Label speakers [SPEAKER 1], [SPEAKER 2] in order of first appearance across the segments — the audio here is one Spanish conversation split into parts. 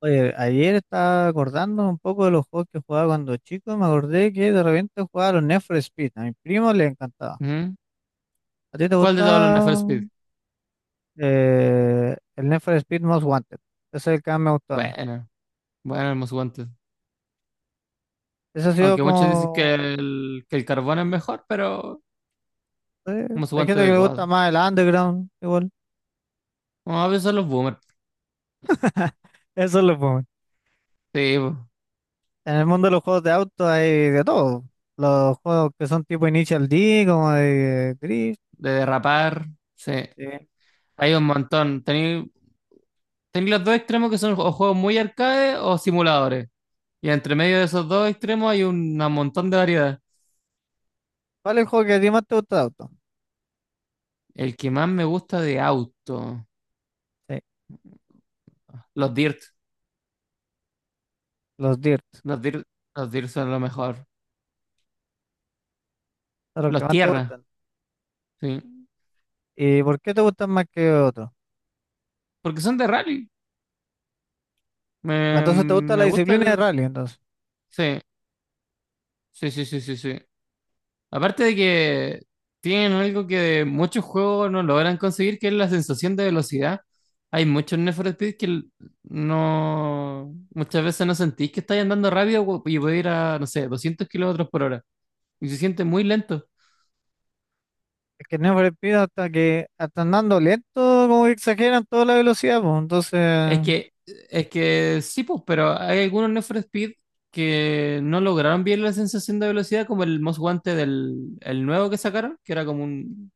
[SPEAKER 1] Oye, ayer estaba acordando un poco de los juegos que jugaba cuando chico y me acordé que de repente jugaba a los Need for Speed. A mi primo le encantaba.
[SPEAKER 2] Ujú.
[SPEAKER 1] ¿A ti te
[SPEAKER 2] ¿Cuál de
[SPEAKER 1] gusta
[SPEAKER 2] todos los NFL Speed?
[SPEAKER 1] el Need for Speed Most Wanted? Ese es el que más me gustó a mí.
[SPEAKER 2] Bueno, bueno, el Most Wanted.
[SPEAKER 1] Ese ha sido
[SPEAKER 2] Aunque muchos dicen que
[SPEAKER 1] como.
[SPEAKER 2] que el carbón es mejor, pero
[SPEAKER 1] eh,
[SPEAKER 2] Most
[SPEAKER 1] hay
[SPEAKER 2] Wanted
[SPEAKER 1] gente que
[SPEAKER 2] de
[SPEAKER 1] le gusta
[SPEAKER 2] God.
[SPEAKER 1] más el Underground, igual.
[SPEAKER 2] Vamos a ver, son los boomers.
[SPEAKER 1] Eso es lo bueno.
[SPEAKER 2] Sí, po.
[SPEAKER 1] En el mundo de los juegos de auto hay de todo. Los juegos que son tipo Initial D, como de Drift.
[SPEAKER 2] De derrapar. Sí,
[SPEAKER 1] Sí.
[SPEAKER 2] hay un montón. Tenéis los dos extremos que son o juegos muy arcade o simuladores. Y entre medio de esos dos extremos hay un montón de variedad.
[SPEAKER 1] ¿Cuál es el juego que a ti más te gusta de auto?
[SPEAKER 2] El que más me gusta de auto,
[SPEAKER 1] Sí,
[SPEAKER 2] los dirt.
[SPEAKER 1] los Dirt.
[SPEAKER 2] Los dirt, los dirt son lo mejor.
[SPEAKER 1] Son los que
[SPEAKER 2] Los
[SPEAKER 1] más te
[SPEAKER 2] tierra,
[SPEAKER 1] gustan.
[SPEAKER 2] sí.
[SPEAKER 1] ¿Y por qué te gustan más que otros?
[SPEAKER 2] Porque son de rally. Me,
[SPEAKER 1] Entonces te gusta la
[SPEAKER 2] me gusta
[SPEAKER 1] disciplina de
[SPEAKER 2] el.
[SPEAKER 1] rally, entonces.
[SPEAKER 2] Sí, sí, sí, sí, sí, sí. Aparte de que tienen algo que muchos juegos no logran conseguir, que es la sensación de velocidad. Hay muchos Need for Speed no, muchas veces no sentís que estáis andando rápido y podéis ir a, no sé, 200 kilómetros por hora. Y se siente muy lento.
[SPEAKER 1] Es que Need for Speed hasta que hasta andando lento, como que exageran toda la velocidad, pues.
[SPEAKER 2] Es
[SPEAKER 1] Entonces,
[SPEAKER 2] que, es que sí, pues, pero hay algunos Need for Speed que no lograron bien la sensación de velocidad, como el Most Wanted del el nuevo que sacaron, que era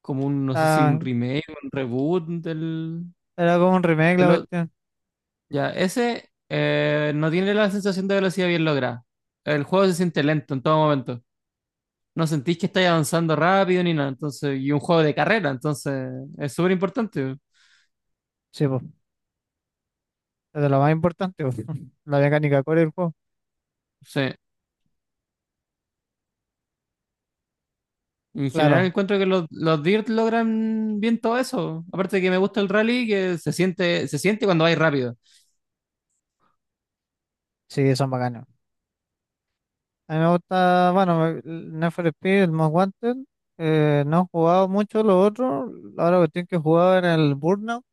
[SPEAKER 2] como un, no sé si
[SPEAKER 1] ah,
[SPEAKER 2] un remake, un reboot
[SPEAKER 1] era como un remake
[SPEAKER 2] de
[SPEAKER 1] la
[SPEAKER 2] lo-
[SPEAKER 1] cuestión.
[SPEAKER 2] ya, ese no tiene la sensación de velocidad bien lograda. El juego se siente lento en todo momento. No sentís que estáis avanzando rápido ni nada, entonces, y un juego de carrera, entonces es súper importante.
[SPEAKER 1] Sí, pues, es de lo más importante, pues. La mecánica core del juego.
[SPEAKER 2] Sí. En general
[SPEAKER 1] Claro,
[SPEAKER 2] encuentro que los Dirt logran bien todo eso. Aparte de que me gusta el rally, que se siente cuando vais rápido.
[SPEAKER 1] sí, son bacanas. A mí me gusta, bueno, el Need for Speed, el Most Wanted. No he jugado mucho los otros. Ahora la cuestión que he jugado era el Burnout.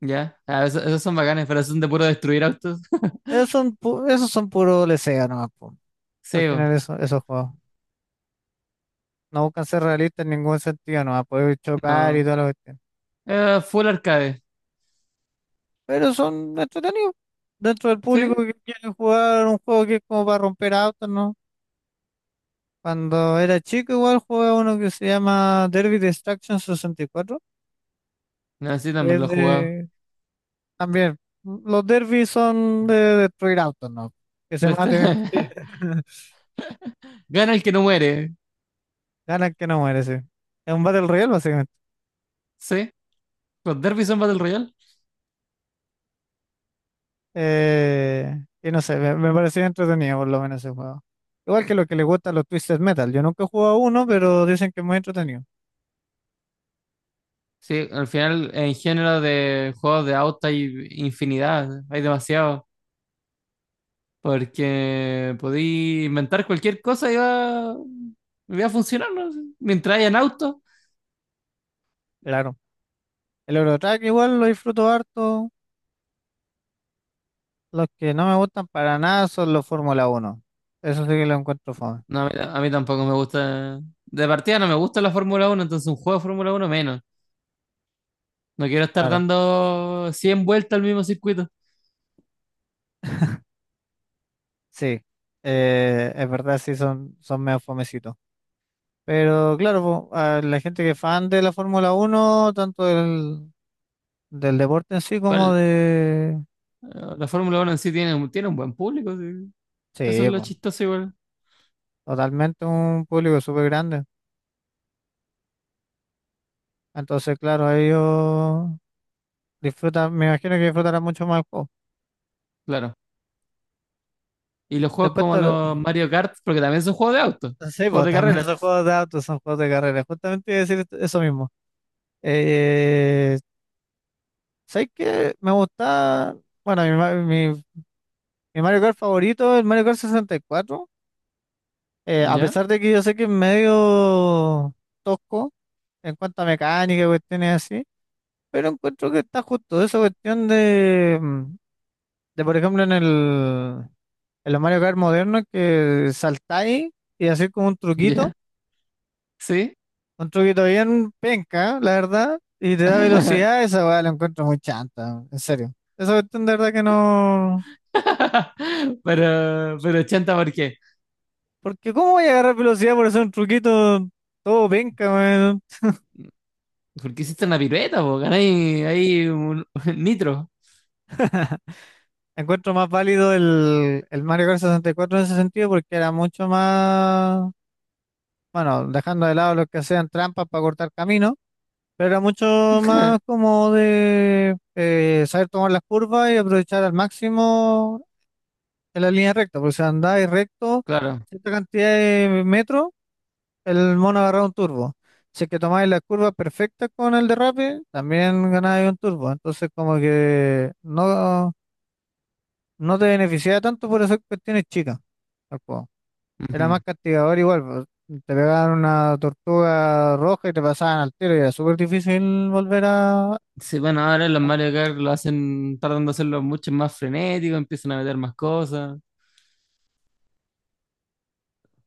[SPEAKER 2] Ya, ah, esos son bacanes, pero son de puro destruir autos.
[SPEAKER 1] Esos son puro lesea nomás, pues. Al
[SPEAKER 2] Sí, bo.
[SPEAKER 1] final eso, esos juegos. No buscan ser realistas en ningún sentido, no va a poder chocar y
[SPEAKER 2] No.
[SPEAKER 1] toda la cuestión.
[SPEAKER 2] Full arcade.
[SPEAKER 1] Pero son entretenidos. Dentro del público
[SPEAKER 2] Sí,
[SPEAKER 1] que quiere jugar un juego que es como para romper autos, ¿no? Cuando era chico igual jugué uno que se llama Derby Destruction 64,
[SPEAKER 2] no, sí,
[SPEAKER 1] que
[SPEAKER 2] también lo
[SPEAKER 1] es
[SPEAKER 2] he jugado.
[SPEAKER 1] de. También, los derbis son de destruir autos, ¿no? Que se
[SPEAKER 2] Este-
[SPEAKER 1] maten entre ellos.
[SPEAKER 2] Gana el que no muere.
[SPEAKER 1] Ganan que no muere, sí. Es un Battle Royale, básicamente.
[SPEAKER 2] Sí, los derbys son Battle Royale.
[SPEAKER 1] Eh, y no sé, me parecía entretenido por lo menos ese juego. Igual que lo que le gusta a los Twisted Metal. Yo nunca he jugado uno, pero dicen que es muy entretenido.
[SPEAKER 2] Sí, al final en género de juegos de auto hay infinidad, hay demasiado. Porque podí inventar cualquier cosa y y va a funcionar, ¿no? Mientras hayan autos.
[SPEAKER 1] Claro. El Eurotrack igual lo disfruto harto. Los que no me gustan para nada son los Fórmula Uno. Eso sí que lo encuentro fome.
[SPEAKER 2] No, a mí tampoco me gusta. De partida no me gusta la Fórmula uno, entonces un juego de Fórmula uno menos. No quiero estar
[SPEAKER 1] Claro,
[SPEAKER 2] dando 100 vueltas al mismo circuito.
[SPEAKER 1] sí. Es verdad, sí, son medio fomecitos. Pero claro, po, a la gente que es fan de la Fórmula Uno tanto del deporte en sí como
[SPEAKER 2] Igual,
[SPEAKER 1] de.
[SPEAKER 2] eh, la Fórmula uno en sí tiene un buen público, sí. Eso es
[SPEAKER 1] Sí,
[SPEAKER 2] lo
[SPEAKER 1] po,
[SPEAKER 2] chistoso igual.
[SPEAKER 1] totalmente un público súper grande. Entonces, claro, ellos disfrutan, me imagino que disfrutarán mucho más el juego.
[SPEAKER 2] Claro. Y los juegos
[SPEAKER 1] Después,
[SPEAKER 2] como los Mario Kart, porque también son juegos de auto,
[SPEAKER 1] sí,
[SPEAKER 2] juegos
[SPEAKER 1] pues,
[SPEAKER 2] de
[SPEAKER 1] también
[SPEAKER 2] carrera.
[SPEAKER 1] son juegos de autos, son juegos de carrera. Justamente iba a decir eso mismo. Eh, ¿sabes qué? Me gusta, bueno, mi Mario Kart favorito es el Mario Kart 64. A
[SPEAKER 2] ¿Ya?
[SPEAKER 1] pesar de que yo sé que es medio tosco en cuanto a mecánica y cuestiones así, pero encuentro que está justo esa cuestión de, de por ejemplo, en el, en los Mario Kart modernos que saltáis y hacéis como
[SPEAKER 2] ¿Ya? ¿Sí?
[SPEAKER 1] un truquito bien penca, la verdad, y te da velocidad, esa weá la encuentro muy chanta, en serio. Esa cuestión de verdad que no.
[SPEAKER 2] Pero chanta, ¿por qué?
[SPEAKER 1] Porque ¿cómo voy a agarrar velocidad por hacer un truquito todo penca, weón?
[SPEAKER 2] Porque hiciste una pirueta, porque hay, ahí un nitro.
[SPEAKER 1] Encuentro más válido el Mario Kart 64 en ese sentido porque era mucho más, bueno, dejando de lado los que hacían trampas para cortar camino. Pero era mucho más como de saber tomar las curvas y aprovechar al máximo en la línea recta, porque si andáis recto
[SPEAKER 2] Claro.
[SPEAKER 1] cierta cantidad de metros, el mono agarraba un turbo. Si es que tomáis las curvas perfectas con el derrape, también ganáis un turbo. Entonces como que no, no te beneficiaba tanto por esas cuestiones chicas al juego. Era más
[SPEAKER 2] Ujú.
[SPEAKER 1] castigador igual, pues, te pegaban una tortuga roja y te pasaban al tiro y era súper difícil volver a.
[SPEAKER 2] Sí, bueno, ahora los Mario Kart lo hacen, tratando de hacerlo mucho más frenético, empiezan a meter más cosas,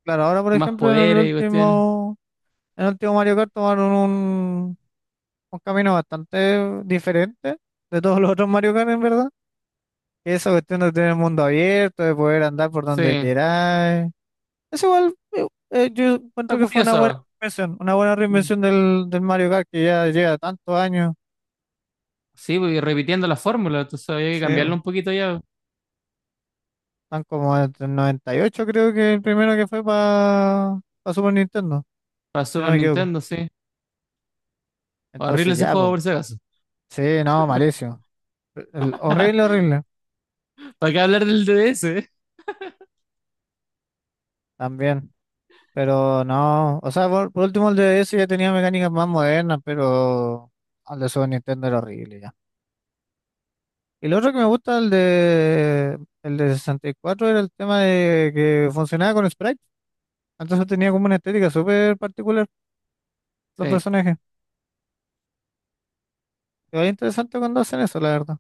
[SPEAKER 1] Claro, ahora por
[SPEAKER 2] más
[SPEAKER 1] ejemplo
[SPEAKER 2] poderes y cuestiones.
[SPEAKER 1] en el último Mario Kart tomaron un camino bastante diferente de todos los otros Mario Kart en verdad. Que esa cuestión de tener el mundo abierto, de poder andar por
[SPEAKER 2] Sí,
[SPEAKER 1] donde
[SPEAKER 2] está
[SPEAKER 1] queráis. Es igual, yo encuentro que fue
[SPEAKER 2] curioso.
[SPEAKER 1] una buena
[SPEAKER 2] Mm.
[SPEAKER 1] reinvención del Mario Kart que ya lleva tantos años.
[SPEAKER 2] Sí, voy repitiendo la fórmula, entonces había que
[SPEAKER 1] Sí,
[SPEAKER 2] cambiarlo
[SPEAKER 1] bo,
[SPEAKER 2] un poquito ya.
[SPEAKER 1] tan como desde el 98 creo que el primero que fue para Super Nintendo,
[SPEAKER 2] Para
[SPEAKER 1] si no
[SPEAKER 2] Super
[SPEAKER 1] me equivoco.
[SPEAKER 2] Nintendo, sí. Horrible
[SPEAKER 1] Entonces
[SPEAKER 2] ese
[SPEAKER 1] ya,
[SPEAKER 2] juego
[SPEAKER 1] pues,
[SPEAKER 2] por si acaso.
[SPEAKER 1] sí, no, malísimo. Horrible, horrible.
[SPEAKER 2] ¿Para qué hablar del DS?
[SPEAKER 1] También, pero no, o sea, por último el de DS ya tenía mecánicas más modernas, pero el de Super Nintendo era horrible ya. Y lo otro que me gusta el de 64 era el tema de que funcionaba con sprite, entonces tenía como una estética súper particular los
[SPEAKER 2] Sí.
[SPEAKER 1] personajes. Y es interesante cuando hacen eso, la verdad.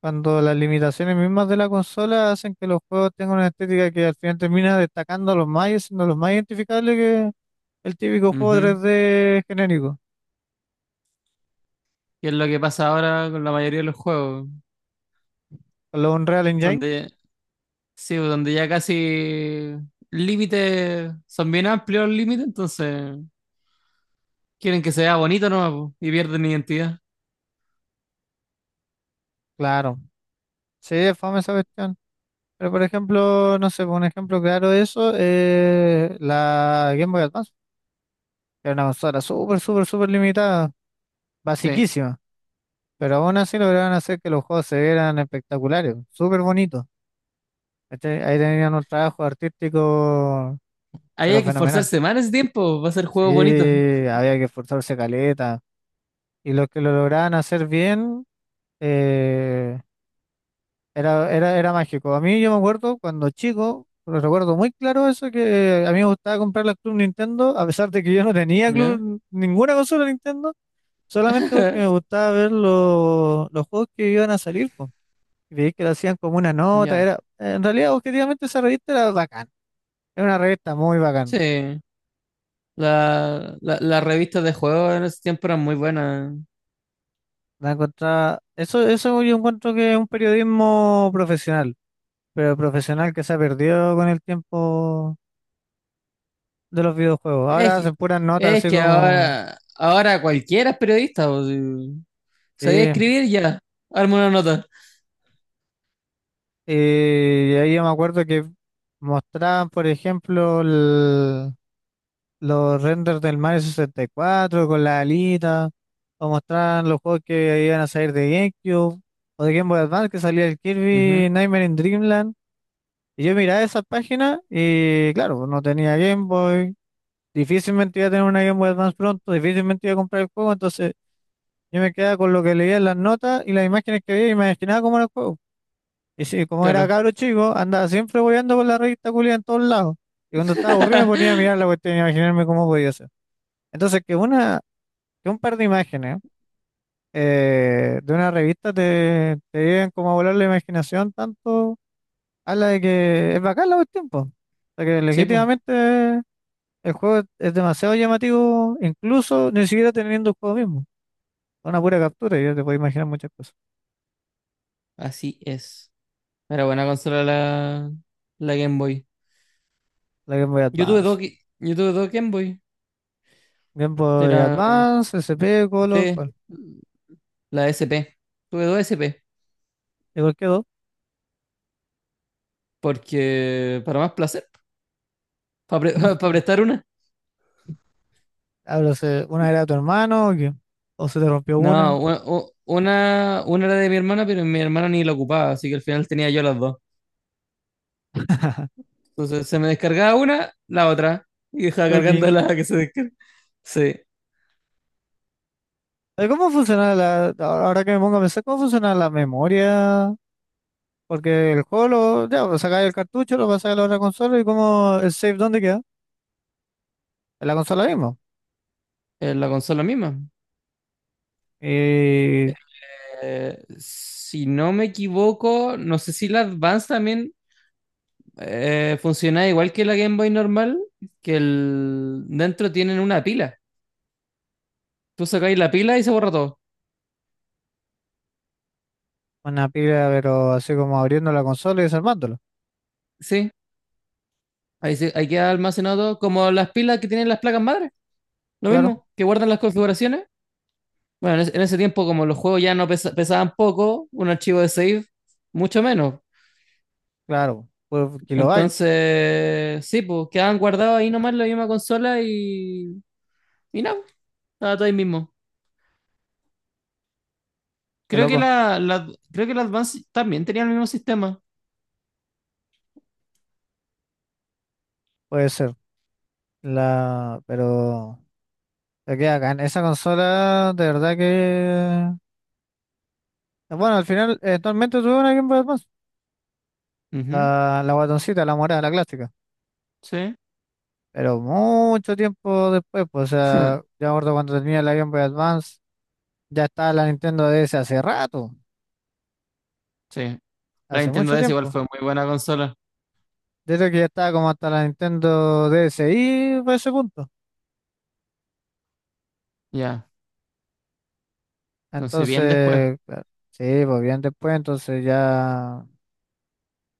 [SPEAKER 1] Cuando las limitaciones mismas de la consola hacen que los juegos tengan una estética que al final termina destacando a los más y siendo los más identificables que el típico juego
[SPEAKER 2] Ujú.
[SPEAKER 1] 3D genérico,
[SPEAKER 2] Y es lo que pasa ahora con la mayoría de los juegos.
[SPEAKER 1] con los Unreal Engine.
[SPEAKER 2] Donde, sí, donde ya casi límites son bien amplios los límites, entonces quieren que se vea bonito nomás po, y pierden identidad.
[SPEAKER 1] Claro, sí, es fome esa cuestión. Pero por ejemplo, no sé, un ejemplo claro de eso es la Game Boy Advance, que era una consola súper, súper, súper limitada,
[SPEAKER 2] Sí.
[SPEAKER 1] basiquísima. Pero aún así lograron hacer que los juegos se vieran espectaculares, súper bonitos. ¿Cachai? Ahí tenían un trabajo artístico,
[SPEAKER 2] Ahí
[SPEAKER 1] pero
[SPEAKER 2] hay que
[SPEAKER 1] fenomenal.
[SPEAKER 2] esforzarse más en ese tiempo para hacer
[SPEAKER 1] Sí,
[SPEAKER 2] juegos bonitos.
[SPEAKER 1] había que esforzarse caleta. Y los que lo lograban hacer bien, eh, era mágico. A mí yo me acuerdo cuando chico, lo recuerdo muy claro eso, que a mí me gustaba comprar la Club Nintendo, a pesar de que yo no tenía
[SPEAKER 2] ¿Ya?
[SPEAKER 1] Club, ninguna consola Nintendo, solamente porque me gustaba ver los juegos que iban a salir, po. Y veía que lo hacían como una nota.
[SPEAKER 2] Ya.
[SPEAKER 1] Era, en realidad, objetivamente, esa revista era bacán. Era una revista muy bacán.
[SPEAKER 2] Sí. Las revistas de juegos en ese tiempo eran muy buenas.
[SPEAKER 1] La encontraba, eso yo encuentro que es un periodismo profesional, pero profesional que se ha perdido con el tiempo de los videojuegos.
[SPEAKER 2] Es
[SPEAKER 1] Ahora
[SPEAKER 2] que,
[SPEAKER 1] hacen puras notas
[SPEAKER 2] es
[SPEAKER 1] así
[SPEAKER 2] que
[SPEAKER 1] como.
[SPEAKER 2] ahora, ahora cualquiera es periodista. O si sabía
[SPEAKER 1] Sí,
[SPEAKER 2] escribir ya. Arma una nota.
[SPEAKER 1] y ahí yo me acuerdo que mostraban, por ejemplo, los renders del Mario 64 con la alita, o mostraban los juegos que iban a salir de GameCube, o de Game Boy Advance, que salía el
[SPEAKER 2] Ujú,
[SPEAKER 1] Kirby Nightmare in Dreamland. Y yo miraba esa página y, claro, no tenía Game Boy, difícilmente iba a tener una Game Boy Advance pronto, difícilmente iba a comprar el juego, entonces yo me quedaba con lo que leía en las notas y las imágenes que veía y me imaginaba cómo era el juego. Y sí, como era
[SPEAKER 2] claro.
[SPEAKER 1] cabro chico, andaba siempre bobeando con la revista culia en todos lados. Y cuando estaba aburrido me ponía a mirar la cuestión y a imaginarme cómo podía ser. Entonces, que un par de imágenes de una revista te lleven como a volar la imaginación tanto, a la de que es bacán la cuestión, po. O sea, que
[SPEAKER 2] Sí, pues,
[SPEAKER 1] legítimamente el juego es demasiado llamativo, incluso ni siquiera teniendo el juego mismo. Es una pura captura, y ya te puedes imaginar muchas cosas.
[SPEAKER 2] así es. Era buena consola la, la Game Boy.
[SPEAKER 1] La Game Boy
[SPEAKER 2] Yo tuve
[SPEAKER 1] Advance.
[SPEAKER 2] dos, yo tuve dos Game Boy.
[SPEAKER 1] Game Boy
[SPEAKER 2] Era,
[SPEAKER 1] Advance, SP, Color,
[SPEAKER 2] sí,
[SPEAKER 1] ¿cuál?
[SPEAKER 2] la SP. Tuve dos SP.
[SPEAKER 1] ¿De qué dos?
[SPEAKER 2] Porque, para más placer, para, prestar una.
[SPEAKER 1] Hablo, ¿una era tu hermano o qué? ¿O se te rompió una?
[SPEAKER 2] No, una era de mi hermana, pero mi hermana ni la ocupaba, así que al final tenía yo las dos. Entonces se me descargaba una, la otra, y dejaba
[SPEAKER 1] ¿O qué?
[SPEAKER 2] cargando la que se descarga. Sí,
[SPEAKER 1] ¿Cómo funciona la, ahora que me pongo a pensar, cómo funciona la memoria? Porque el juego, ya, pues sacáis el cartucho, lo pasáis a la otra consola y cómo el save, ¿dónde queda? En la consola mismo.
[SPEAKER 2] en la consola misma.
[SPEAKER 1] Y
[SPEAKER 2] Si no me equivoco, no sé si la Advance también funciona igual que la Game Boy normal, que el dentro tienen una pila. Tú sacáis la pila y se borra todo.
[SPEAKER 1] una pila, pero así como abriendo la consola y desarmándola.
[SPEAKER 2] Sí, ahí queda almacenado todo, como las pilas que tienen las placas madre. Lo
[SPEAKER 1] Claro,
[SPEAKER 2] mismo, que guardan las configuraciones. Bueno, en ese tiempo, como los juegos ya no pesaban poco, un archivo de save, mucho menos.
[SPEAKER 1] claro, pues kilobyte,
[SPEAKER 2] Entonces, sí, pues quedaban guardados ahí nomás la misma consola y nada, pues, estaba todo ahí mismo.
[SPEAKER 1] qué
[SPEAKER 2] Creo que
[SPEAKER 1] loco,
[SPEAKER 2] creo que la Advance también tenía el mismo sistema.
[SPEAKER 1] puede ser. Pero, se queda acá en esa consola, de verdad que. Bueno, al final, eventualmente tuve una Game Boy Advance.
[SPEAKER 2] Ujú,
[SPEAKER 1] La guatoncita, la morada, la clásica.
[SPEAKER 2] sí,
[SPEAKER 1] Pero mucho tiempo después, pues, o sea, yo me acuerdo cuando tenía la Game Boy Advance, ya estaba la Nintendo DS hace rato,
[SPEAKER 2] sí. La
[SPEAKER 1] hace
[SPEAKER 2] Nintendo
[SPEAKER 1] mucho
[SPEAKER 2] DS igual
[SPEAKER 1] tiempo.
[SPEAKER 2] fue muy buena consola.
[SPEAKER 1] Desde que ya estaba como hasta la Nintendo D S y por ese punto.
[SPEAKER 2] Ya, entonces bien después.
[SPEAKER 1] Entonces, claro, sí, pues bien después, entonces ya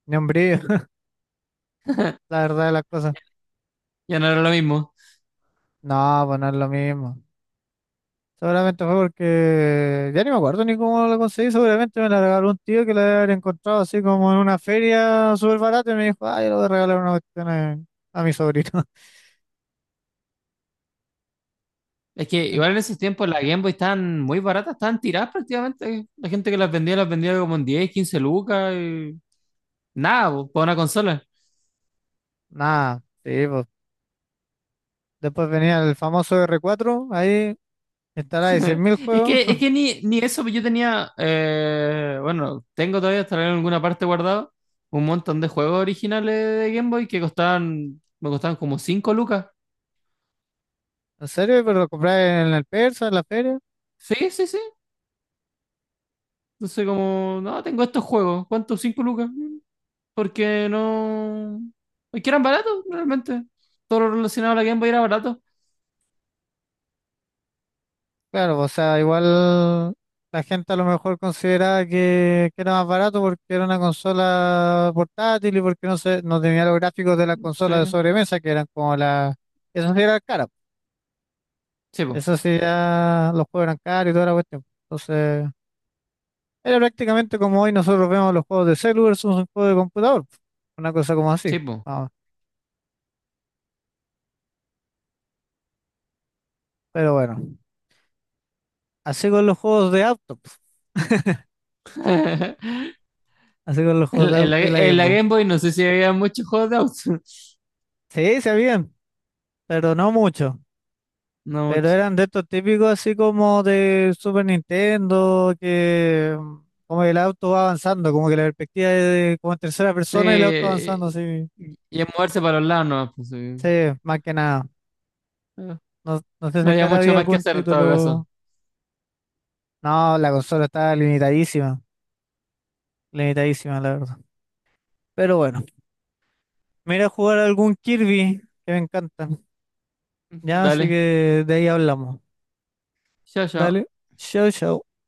[SPEAKER 1] ni un brillo, la verdad de las cosas.
[SPEAKER 2] Ya no era lo mismo.
[SPEAKER 1] No, pues no es lo mismo. Seguramente fue porque ya ni me acuerdo ni cómo lo conseguí. Seguramente me la regaló un tío que la había encontrado así como en una feria súper barata y me dijo, ah, yo le voy a regalar una cuestión a mi sobrino.
[SPEAKER 2] Es que
[SPEAKER 1] En-
[SPEAKER 2] igual en esos tiempos las Game Boy estaban muy baratas, estaban tiradas prácticamente. La gente que las vendía como en 10, 15 lucas y nada, pues, para una consola.
[SPEAKER 1] Nada, sí, pues. Después venía el famoso R4 ahí instalaba mil juegos.
[SPEAKER 2] Es que ni eso, pues yo tenía, bueno, tengo todavía, estará en alguna parte guardado, un montón de juegos originales de Game Boy que costaban, me costaban como 5 lucas.
[SPEAKER 1] ¿En serio? Pero lo compré en el Persa, en la feria.
[SPEAKER 2] Sí, sí, sí. Entonces como, no, tengo estos juegos, ¿cuántos? 5 lucas. Mm, porque no. Es que eran baratos, realmente. Todo lo relacionado a la Game Boy era barato.
[SPEAKER 1] Claro, o sea, igual la gente a lo mejor consideraba que era más barato porque era una consola portátil y porque no tenía los gráficos de las consolas de
[SPEAKER 2] Sí,
[SPEAKER 1] sobremesa, que eran como la. Eso sí era cara.
[SPEAKER 2] sí, po,
[SPEAKER 1] Eso sí ya los juegos eran caros y toda la cuestión. Entonces, era prácticamente como hoy nosotros vemos los juegos de celu versus un juego de computador. Una cosa como así.
[SPEAKER 2] sí, po.
[SPEAKER 1] Ah, pero bueno, así con los juegos de auto. Así con los juegos de
[SPEAKER 2] En la,
[SPEAKER 1] auto y la
[SPEAKER 2] en
[SPEAKER 1] Game
[SPEAKER 2] la
[SPEAKER 1] Boy.
[SPEAKER 2] Game Boy no sé si había muchos juegos de autos.
[SPEAKER 1] Sí, se habían, pero no mucho.
[SPEAKER 2] No
[SPEAKER 1] Pero
[SPEAKER 2] mucho.
[SPEAKER 1] eran de estos típicos así como de Super Nintendo, que como que el auto va avanzando, como que la perspectiva es como en tercera persona y el auto avanzando
[SPEAKER 2] Sí,
[SPEAKER 1] así.
[SPEAKER 2] y es moverse para los lados, no, pues, sí.
[SPEAKER 1] Sí, más que nada. No, no sé si
[SPEAKER 2] No
[SPEAKER 1] acá
[SPEAKER 2] había mucho
[SPEAKER 1] había
[SPEAKER 2] más que
[SPEAKER 1] algún
[SPEAKER 2] hacer en todo caso.
[SPEAKER 1] título. No, la consola estaba limitadísima, limitadísima la verdad. Pero bueno, me iré a jugar algún Kirby, que me encanta.
[SPEAKER 2] Ujú,
[SPEAKER 1] Ya, así
[SPEAKER 2] dale,
[SPEAKER 1] que de ahí hablamos.
[SPEAKER 2] chao, chao.
[SPEAKER 1] Dale, chau, chau.